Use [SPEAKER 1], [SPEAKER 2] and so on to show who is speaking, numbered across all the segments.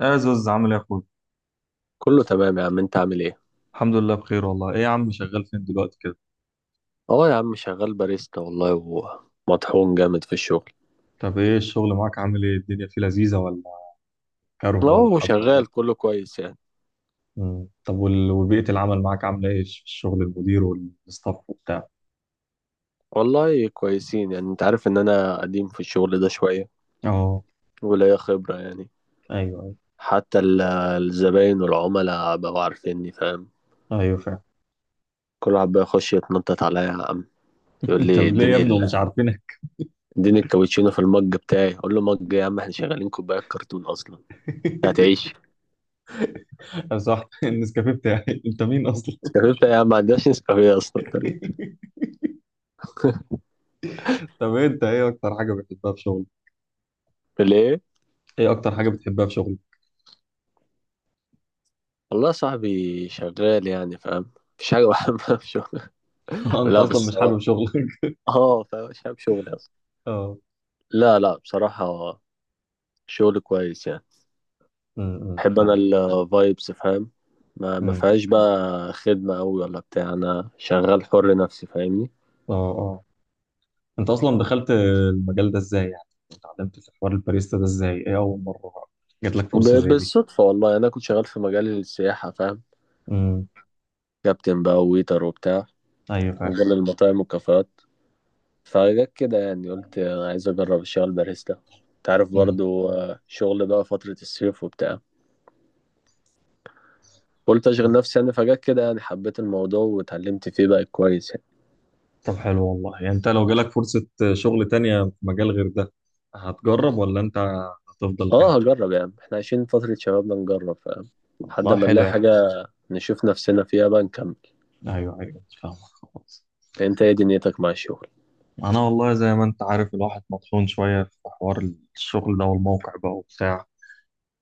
[SPEAKER 1] يا زوز عامل ايه يا اخويا؟
[SPEAKER 2] كله تمام يا عم، انت عامل ايه؟
[SPEAKER 1] الحمد لله بخير والله. ايه يا عم شغال فين دلوقتي كده؟
[SPEAKER 2] اه يا عم شغال باريستا والله، ومطحون جامد في الشغل.
[SPEAKER 1] طب ايه الشغل معاك، عامل ايه الدنيا فيه لذيذة ولا كره ولا
[SPEAKER 2] اه
[SPEAKER 1] حب ولا
[SPEAKER 2] شغال
[SPEAKER 1] ايه؟
[SPEAKER 2] كله كويس يعني.
[SPEAKER 1] مم. طب وبيئة العمل معاك عاملة ايه في الشغل، المدير والستاف وبتاع؟
[SPEAKER 2] والله كويسين يعني، انت عارف ان انا قديم في الشغل ده شوية
[SPEAKER 1] اه.
[SPEAKER 2] وليا خبرة يعني.
[SPEAKER 1] ايوه ايوه.
[SPEAKER 2] حتى الزباين والعملاء بقوا عارفيني فاهم.
[SPEAKER 1] ايوه فعلا.
[SPEAKER 2] كل واحد بقى يخش يتنطط عليا يا عم، يقول لي
[SPEAKER 1] طب ليه يا ابني ومش عارفينك؟
[SPEAKER 2] اديني الكابتشينو في المج بتاعي، اقول له مج يا عم، احنا شغالين كوبايات كرتون اصلا. هتعيش
[SPEAKER 1] صح النسكافيه بتاعي. انت مين اصلا؟
[SPEAKER 2] نسكافيه بتاعي يا عم، ما عندناش نسكافيه اصلا طريق.
[SPEAKER 1] طب ايه، انت ايه اكتر حاجة بتحبها في شغلك؟
[SPEAKER 2] ليه؟
[SPEAKER 1] ايه اكتر حاجة بتحبها في شغلك؟
[SPEAKER 2] والله صاحبي شغال يعني فاهم، مفيش حاجة بحبها في شغل.
[SPEAKER 1] انت
[SPEAKER 2] لا
[SPEAKER 1] اصلا
[SPEAKER 2] بس
[SPEAKER 1] مش
[SPEAKER 2] هو
[SPEAKER 1] حابب شغلك؟
[SPEAKER 2] اه فاهم، مش حابب شغلي أصلا.
[SPEAKER 1] اه.
[SPEAKER 2] لا لا بصراحة، شغل كويس يعني. بحب أنا
[SPEAKER 1] فاهم.
[SPEAKER 2] الفايبس فاهم. ما
[SPEAKER 1] امم.
[SPEAKER 2] فيهاش بقى خدمة أوي ولا بتاع، أنا شغال حر نفسي فاهمني.
[SPEAKER 1] اه. انت اصلا دخلت المجال ده ازاي يعني؟ اتعلمت في حوار الباريستا ده ازاي، ايه اول مره جات لك فرصه زي دي؟
[SPEAKER 2] بالصدفة والله، أنا كنت شغال في مجال السياحة فاهم.
[SPEAKER 1] امم.
[SPEAKER 2] كابتن بقى وويتر وبتاع،
[SPEAKER 1] ايوه فعلا.
[SPEAKER 2] مجال المطاعم والكافيهات. فجت كده يعني، قلت عايز أجرب الشغل باريستا، تعرف
[SPEAKER 1] مم.
[SPEAKER 2] برضو شغل بقى فترة الصيف وبتاع. قلت اشغل
[SPEAKER 1] مم.
[SPEAKER 2] نفسي يعني، فجأة كده يعني حبيت الموضوع واتعلمت فيه بقى كويس يعني.
[SPEAKER 1] طب حلو والله. يعني انت لو جالك فرصه شغل تانية في مجال غير ده، هتجرب ولا انت هتفضل هنا؟
[SPEAKER 2] اه هجرب يعني، احنا عايشين فترة شبابنا نجرب فاهم، لحد
[SPEAKER 1] والله
[SPEAKER 2] ما
[SPEAKER 1] حلو
[SPEAKER 2] نلاقي
[SPEAKER 1] يعني.
[SPEAKER 2] حاجة نشوف نفسنا فيها بقى نكمل.
[SPEAKER 1] ايوه ايوه فاهمك. خلاص.
[SPEAKER 2] انت ايه دنيتك مع الشغل؟
[SPEAKER 1] انا والله زي ما انت عارف الواحد مطحون شويه في حوار الشغل ده والموقع بقى وبتاع.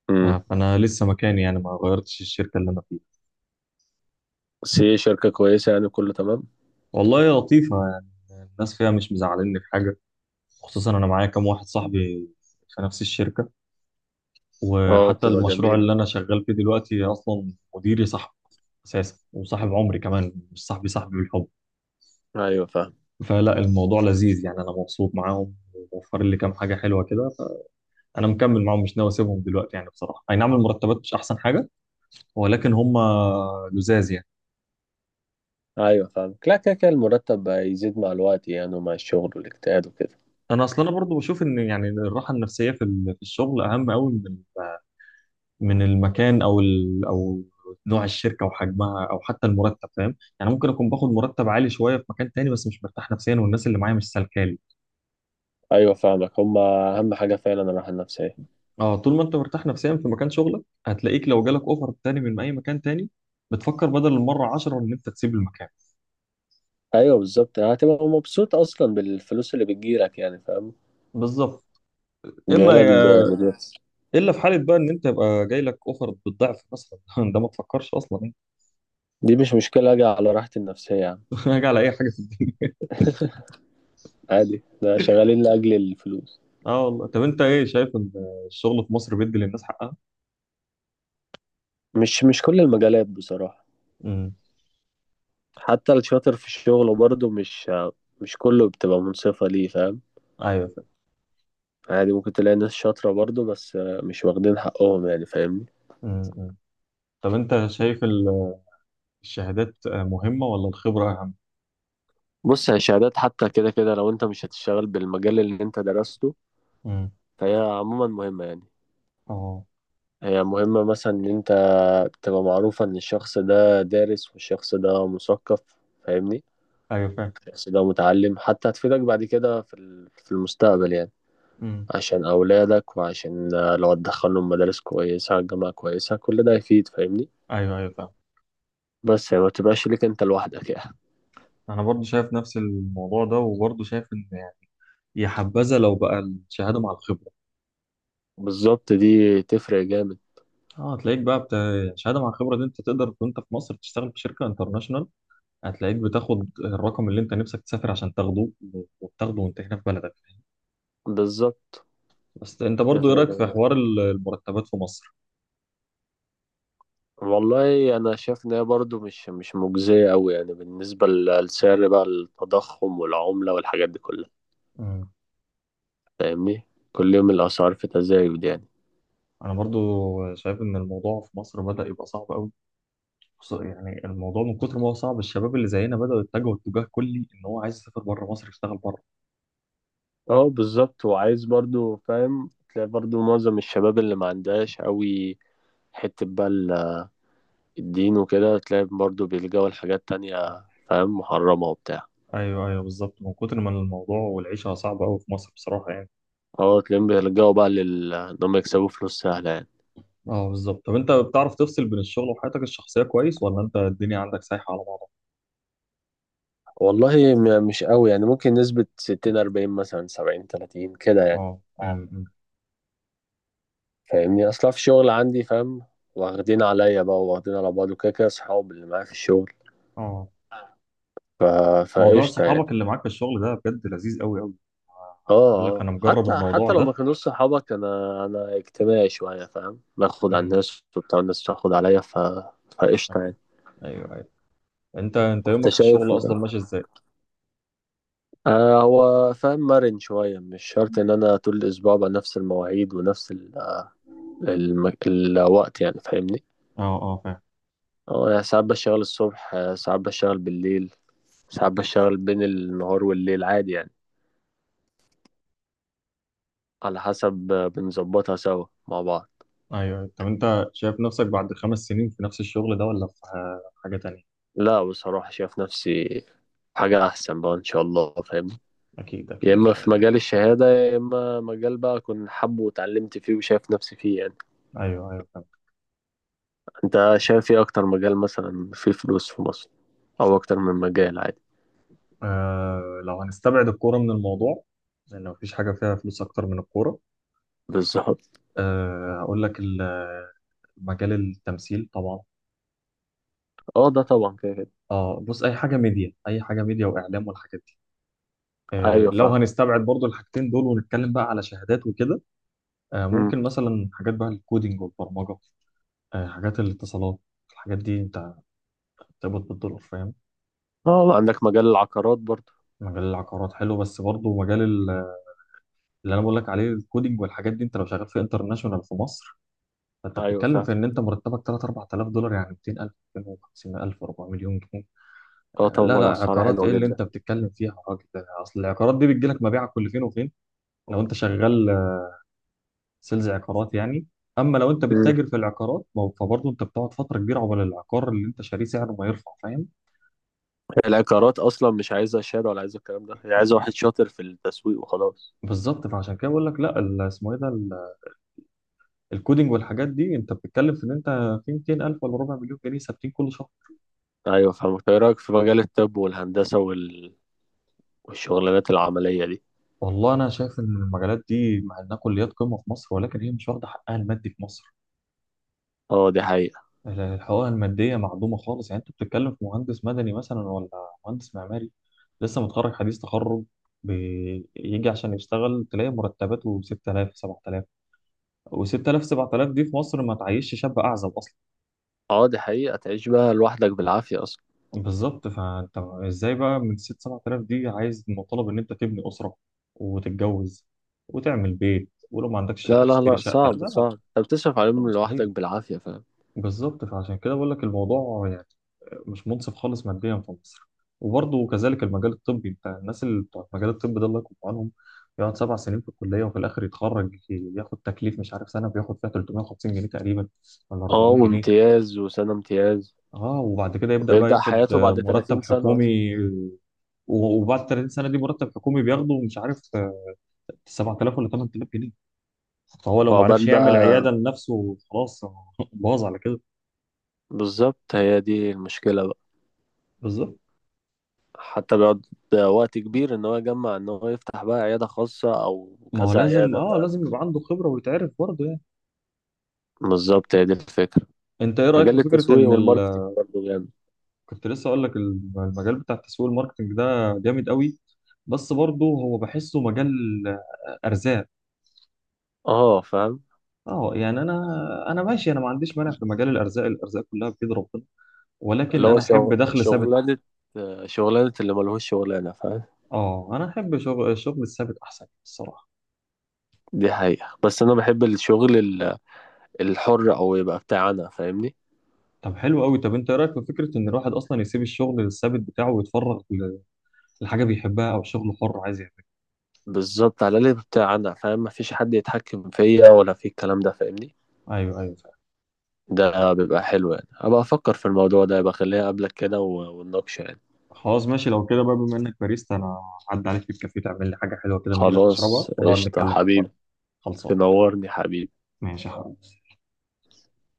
[SPEAKER 2] امم
[SPEAKER 1] فانا لسه مكاني، يعني ما غيرتش الشركه اللي انا فيها.
[SPEAKER 2] بس هي شركة كويسة يعني، كله تمام.
[SPEAKER 1] والله لطيفه يعني، الناس فيها مش مزعلني في حاجه، خصوصا انا معايا كام واحد صاحبي في نفس الشركه.
[SPEAKER 2] اه
[SPEAKER 1] وحتى
[SPEAKER 2] بتبقى
[SPEAKER 1] المشروع
[SPEAKER 2] جميلة.
[SPEAKER 1] اللي انا شغال فيه دلوقتي اصلا مديري صاحبي اساسا، وصاحب عمري كمان، مش صاحبي صاحبي بالحب.
[SPEAKER 2] ايوه فاهم.
[SPEAKER 1] فلا الموضوع لذيذ يعني، انا مبسوط معاهم وموفر لي كام حاجه حلوه كده. فانا مكمل معاهم، مش ناوي اسيبهم دلوقتي يعني. بصراحه اي نعم المرتبات مش احسن حاجه، ولكن هم لزاز يعني.
[SPEAKER 2] ايوه فاهم، لا، كده كده المرتب بقى يزيد مع الوقت يعني، ومع الشغل والاجتهاد وكده.
[SPEAKER 1] انا اصلا انا برضو بشوف ان يعني الراحه النفسيه في في الشغل اهم قوي من المكان، او نوع الشركه وحجمها او حتى المرتب، فاهم؟ يعني ممكن اكون باخد مرتب عالي شويه في مكان تاني بس مش مرتاح نفسيا والناس اللي معايا مش سالكالي.
[SPEAKER 2] ايوه فاهمك، هما اهم حاجة فعلا الراحة النفسية.
[SPEAKER 1] اه، طول ما انت مرتاح نفسيا في مكان شغلك، هتلاقيك لو جالك اوفر تاني من اي مكان تاني بتفكر بدل المره 10 ان انت تسيب المكان.
[SPEAKER 2] ايوه بالظبط، هتبقى مبسوط اصلا بالفلوس اللي بتجيلك يعني فاهم.
[SPEAKER 1] بالظبط. اما
[SPEAKER 2] جايلك ب...
[SPEAKER 1] يا... الا في حاله بقى ان انت يبقى جاي لك اوفر بالضعف مثلا، ده ما تفكرش اصلا يعني.
[SPEAKER 2] دي مش مشكلة، أجي على راحتي النفسية يا عم.
[SPEAKER 1] هاجي على اي حاجه في الدنيا.
[SPEAKER 2] عادي، ده شغالين لأجل الفلوس.
[SPEAKER 1] اه والله. طب انت، ايه شايف ان الشغل في مصر بيدي للناس حقها؟
[SPEAKER 2] مش كل المجالات بصراحة.
[SPEAKER 1] امم.
[SPEAKER 2] حتى الشاطر في الشغل برضه مش كله بتبقى منصفة ليه فاهم.
[SPEAKER 1] ايوه فاهم.
[SPEAKER 2] عادي ممكن تلاقي ناس شاطرة برضه، بس مش واخدين حقهم يعني فاهمني.
[SPEAKER 1] امم. طب انت شايف الشهادات مهمة ولا الخبرة أهم؟
[SPEAKER 2] بص يا شهادات، حتى كده كده لو انت مش هتشتغل بالمجال اللي انت درسته
[SPEAKER 1] امم.
[SPEAKER 2] فهي عموما مهمة يعني.
[SPEAKER 1] اه.
[SPEAKER 2] هي مهمة مثلا ان انت تبقى معروفة ان الشخص ده دارس والشخص ده مثقف فاهمني.
[SPEAKER 1] ايوه فاهم.
[SPEAKER 2] بس لو متعلم حتى هتفيدك بعد كده في في المستقبل يعني.
[SPEAKER 1] امم.
[SPEAKER 2] عشان أولادك، وعشان لو هتدخلهم مدارس كويسة جامعة كويسة، كل ده هيفيد فاهمني.
[SPEAKER 1] ايوه ايوه فاهم.
[SPEAKER 2] بس يعني ما تبقاش ليك أنت لوحدك يعني.
[SPEAKER 1] انا برضو شايف نفس الموضوع ده، وبرضو شايف ان يعني يا حبذا لو بقى الشهادة مع الخبرة.
[SPEAKER 2] بالظبط، دي تفرق جامد.
[SPEAKER 1] اه هتلاقيك بقى الشهادة مع الخبرة دي انت تقدر وانت في مصر تشتغل في شركة انترناشونال، هتلاقيك بتاخد الرقم اللي انت نفسك تسافر عشان تاخده، وبتاخده وانت هنا في بلدك.
[SPEAKER 2] بالظبط،
[SPEAKER 1] بس انت برضو ايه
[SPEAKER 2] تفرق
[SPEAKER 1] رأيك في
[SPEAKER 2] جامد.
[SPEAKER 1] حوار المرتبات في مصر؟
[SPEAKER 2] والله أنا شايف إن هي برضه مش مجزية أوي يعني، بالنسبة لسعر بقى التضخم والعملة والحاجات دي كلها
[SPEAKER 1] امم.
[SPEAKER 2] فاهمني. كل يوم الأسعار في تزايد يعني.
[SPEAKER 1] انا برضو شايف ان الموضوع في مصر بدأ يبقى صعب قوي. بص، يعني الموضوع من كتر ما هو صعب الشباب اللي زينا بدأوا يتجهوا اتجاه كلي ان هو عايز يسافر بره مصر يشتغل بره.
[SPEAKER 2] اه بالظبط، وعايز برضو فاهم تلاقي برضو معظم الشباب اللي ما عندهاش قوي حتة بقى الدين وكده، تلاقي برضو بيلجأوا لحاجات تانية فاهم، محرمة وبتاع.
[SPEAKER 1] ايوه ايوه بالظبط. من كتر ما الموضوع والعيشه صعبه قوي في مصر بصراحه يعني.
[SPEAKER 2] اه تلاقيهم بيلجأوا بقى لل إن هم يكسبوا فلوس سهلة يعني.
[SPEAKER 1] اه بالظبط. طب انت بتعرف تفصل بين الشغل وحياتك الشخصية كويس، ولا انت الدنيا عندك سايحة على بعضها؟
[SPEAKER 2] والله مش قوي يعني، ممكن نسبة ستين أربعين، مثلا سبعين تلاتين كده يعني
[SPEAKER 1] اه. امم.
[SPEAKER 2] فاهمني. أصلا في الشغل عندي فاهم، واخدين عليا بقى، واخدين على بعض، وكده كده أصحاب اللي معايا في الشغل.
[SPEAKER 1] اه.
[SPEAKER 2] ف...
[SPEAKER 1] موضوع
[SPEAKER 2] فقشطة يعني.
[SPEAKER 1] صحابك اللي معاك في الشغل ده بجد لذيذ قوي قوي.
[SPEAKER 2] اه
[SPEAKER 1] بقول لك
[SPEAKER 2] اه
[SPEAKER 1] انا مجرب
[SPEAKER 2] حتى
[SPEAKER 1] الموضوع
[SPEAKER 2] حتى لو ما
[SPEAKER 1] ده.
[SPEAKER 2] كانوش صحابك، انا اجتماعي شويه فاهم، باخد على
[SPEAKER 1] امم.
[SPEAKER 2] الناس وبتاع، الناس تاخد عليا فقشطه
[SPEAKER 1] ايوه
[SPEAKER 2] يعني.
[SPEAKER 1] ايوه ايوه. انت
[SPEAKER 2] انت
[SPEAKER 1] يومك في
[SPEAKER 2] شايف
[SPEAKER 1] الشغل
[SPEAKER 2] ده،
[SPEAKER 1] اصلا ماشي ازاي؟
[SPEAKER 2] آه هو فاهم مرن شويه، مش شرط ان انا طول الاسبوع بقى نفس المواعيد ونفس الوقت يعني فاهمني.
[SPEAKER 1] اه اه فاهم.
[SPEAKER 2] اه يعني ساعات بشتغل الصبح، ساعات بشتغل بالليل، ساعات بشتغل بين النهار والليل عادي يعني. على حسب، بنظبطها سوا مع بعض.
[SPEAKER 1] ايوه أيوه. طب انت شايف نفسك بعد 5 سنين في نفس الشغل ده، ولا في حاجة تانية؟
[SPEAKER 2] لا بصراحه شايف نفسي حاجه احسن بقى ان شاء الله فاهمني.
[SPEAKER 1] اكيد
[SPEAKER 2] يا
[SPEAKER 1] اكيد ان
[SPEAKER 2] اما
[SPEAKER 1] شاء
[SPEAKER 2] في
[SPEAKER 1] الله.
[SPEAKER 2] مجال الشهاده، يا اما مجال بقى اكون حابه واتعلمت فيه وشايف نفسي فيه يعني.
[SPEAKER 1] ايوه ايوه فهمت.
[SPEAKER 2] انت شايف ايه اكتر مجال مثلا فيه فلوس في مصر، او اكتر من مجال عادي؟
[SPEAKER 1] آه، لو هنستبعد الكورة من الموضوع، لان مفيش حاجة فيها فلوس اكتر من الكورة.
[SPEAKER 2] بالظبط.
[SPEAKER 1] آه هقول لك مجال التمثيل طبعا.
[SPEAKER 2] اه ده طبعا كده كده.
[SPEAKER 1] اه بص، اي حاجة ميديا، اي حاجة ميديا واعلام والحاجات دي. آه
[SPEAKER 2] ايوه
[SPEAKER 1] لو
[SPEAKER 2] فاهم.
[SPEAKER 1] هنستبعد برضو الحاجتين دول ونتكلم بقى على شهادات وكده، آه
[SPEAKER 2] مم.
[SPEAKER 1] ممكن مثلا حاجات بقى الكودينج والبرمجة، آه حاجات الاتصالات. الحاجات دي انت بتقبض بالدولار، فاهم.
[SPEAKER 2] اه عندك مجال العقارات برضه.
[SPEAKER 1] مجال العقارات حلو، بس برضه مجال اللي انا بقول لك عليه الكودينج والحاجات دي، انت لو شغال في انترناشونال في مصر فانت
[SPEAKER 2] ايوه
[SPEAKER 1] بتتكلم
[SPEAKER 2] فاهم.
[SPEAKER 1] في ان انت مرتبك 3 4000 دولار، يعني 200,000 250,000 4 مليون جنيه.
[SPEAKER 2] اه
[SPEAKER 1] آه، لا لا،
[SPEAKER 2] طبعا اسعارها
[SPEAKER 1] عقارات
[SPEAKER 2] حلوه
[SPEAKER 1] ايه اللي
[SPEAKER 2] جدا.
[SPEAKER 1] انت بتتكلم فيها يا راجل؟ ده اصل العقارات دي بتجي لك مبيعها كل فين وفين. لو انت شغال سيلز عقارات يعني. اما لو انت
[SPEAKER 2] مم.
[SPEAKER 1] بتتاجر في العقارات فبرضه انت بتقعد فتره كبيره عقبال العقار اللي انت شاريه سعره ما يرفع، فاهم.
[SPEAKER 2] العقارات اصلا مش عايزه شهاده ولا عايزه الكلام ده، هي عايزه واحد شاطر في التسويق وخلاص.
[SPEAKER 1] بالظبط. فعشان كده بقول لك، لا اسمه ايه ده، الكودينج والحاجات دي انت بتتكلم في ان انت في 200,000 ولا ربع مليون جنيه ثابتين كل شهر.
[SPEAKER 2] ايوه فاهم، ايه رايك في مجال الطب والهندسه والشغلانات العمليه دي؟
[SPEAKER 1] والله انا شايف ان المجالات دي مع انها كليات قمه في مصر، ولكن هي مش واخده حقها المادي في مصر.
[SPEAKER 2] اه دي حقيقة.
[SPEAKER 1] الحقوق الماديه معدومه خالص. يعني انت بتتكلم في مهندس مدني مثلا، ولا مهندس معماري لسه متخرج حديث تخرج، بيجي عشان يشتغل تلاقي مرتباته 6000 7000، و6000 7000 دي في مصر ما تعيشش شاب اعزب اصلا.
[SPEAKER 2] اه دي حقيقة، تعيش بقى لوحدك بالعافية أصلا.
[SPEAKER 1] بالظبط. فانت ازاي بقى من ست سبعة آلاف دي عايز مطالب ان انت تبني اسره وتتجوز وتعمل بيت، ولو ما عندكش شقه
[SPEAKER 2] لا، لا،
[SPEAKER 1] تشتري
[SPEAKER 2] لا،
[SPEAKER 1] شقه؟ لا
[SPEAKER 2] صعب،
[SPEAKER 1] لا،
[SPEAKER 2] صعب، أنت بتصرف
[SPEAKER 1] الموضوع
[SPEAKER 2] عليهم لوحدك
[SPEAKER 1] مستحيل.
[SPEAKER 2] بالعافية فاهم.
[SPEAKER 1] بالظبط. فعشان كده بقول لك الموضوع يعني مش منصف خالص ماديا في مصر. وبرضه كذلك المجال الطبي، انت الناس اللي بتوع المجال الطبي ده الله يكون في عونهم. يقعد 7 سنين في الكليه، وفي الاخر يتخرج ياخد تكليف مش عارف سنه بياخد فيها 350 جنيه تقريبا ولا
[SPEAKER 2] اه
[SPEAKER 1] 400 جنيه.
[SPEAKER 2] وامتياز، وسنة امتياز.
[SPEAKER 1] اه. وبعد كده يبدأ بقى
[SPEAKER 2] وبيبدأ
[SPEAKER 1] ياخد
[SPEAKER 2] حياته بعد 30
[SPEAKER 1] مرتب
[SPEAKER 2] سنة أصلا.
[SPEAKER 1] حكومي وبعد 30 سنة دي مرتب حكومي بياخده مش عارف 7000 ولا 8000 جنيه. فهو لو ما عرفش
[SPEAKER 2] وعقبال
[SPEAKER 1] يعمل
[SPEAKER 2] بقى،
[SPEAKER 1] عيادة لنفسه خلاص هو باظ على كده.
[SPEAKER 2] بالظبط هي دي المشكلة بقى.
[SPEAKER 1] بالظبط.
[SPEAKER 2] حتى بيقعد وقت كبير إن هو يجمع، إن هو يفتح بقى عيادة خاصة أو
[SPEAKER 1] ما هو
[SPEAKER 2] كذا
[SPEAKER 1] لازم،
[SPEAKER 2] عيادة فاهم.
[SPEAKER 1] لازم يبقى عنده خبرة ويتعرف برضه يعني.
[SPEAKER 2] بالظبط، هي دي الفكرة.
[SPEAKER 1] انت ايه رأيك في
[SPEAKER 2] مجال
[SPEAKER 1] فكرة
[SPEAKER 2] التسويق
[SPEAKER 1] ان
[SPEAKER 2] والماركتينج برضه جامد.
[SPEAKER 1] كنت لسه اقول لك المجال بتاع التسويق الماركتنج ده جامد قوي. بس برضه هو بحسه مجال آه، ارزاق.
[SPEAKER 2] اه فاهم.
[SPEAKER 1] اه يعني انا ماشي، انا ما عنديش مانع في مجال الارزاق، الارزاق كلها بيد ربنا،
[SPEAKER 2] اللي
[SPEAKER 1] ولكن
[SPEAKER 2] هو
[SPEAKER 1] انا احب دخل ثابت احسن.
[SPEAKER 2] شغلانة، شغلانة اللي ملهوش شغلانة فاهم.
[SPEAKER 1] اه انا احب الشغل الثابت احسن الصراحه.
[SPEAKER 2] دي حقيقة، بس أنا بحب الشغل الحر، أو يبقى بتاع أنا فاهمني.
[SPEAKER 1] طب حلو قوي. طب انت إيه رايك في فكره ان الواحد اصلا يسيب الشغل الثابت بتاعه ويتفرغ لحاجه بيحبها او شغل حر عايز يعمله؟
[SPEAKER 2] بالظبط، على الأقل يبقى بتاع أنا فاهم، مفيش حد يتحكم فيا ولا في الكلام ده فاهمني.
[SPEAKER 1] ايوه ايوه فعلا.
[SPEAKER 2] ده بيبقى حلو يعني، أبقى أفكر في الموضوع ده، يبقى خليها قبلك كده ونناقشه يعني.
[SPEAKER 1] خلاص ماشي لو كده بقى، بما انك باريستا انا هعدي عليك في الكافيه تعمل لي حاجه حلوه كده من ايدك اشربها،
[SPEAKER 2] خلاص
[SPEAKER 1] ونقعد
[SPEAKER 2] قشطة
[SPEAKER 1] نتكلم في الحوار.
[SPEAKER 2] حبيبي.
[SPEAKER 1] خلصان
[SPEAKER 2] تنورني حبيبي.
[SPEAKER 1] ماشي يا حبيبي.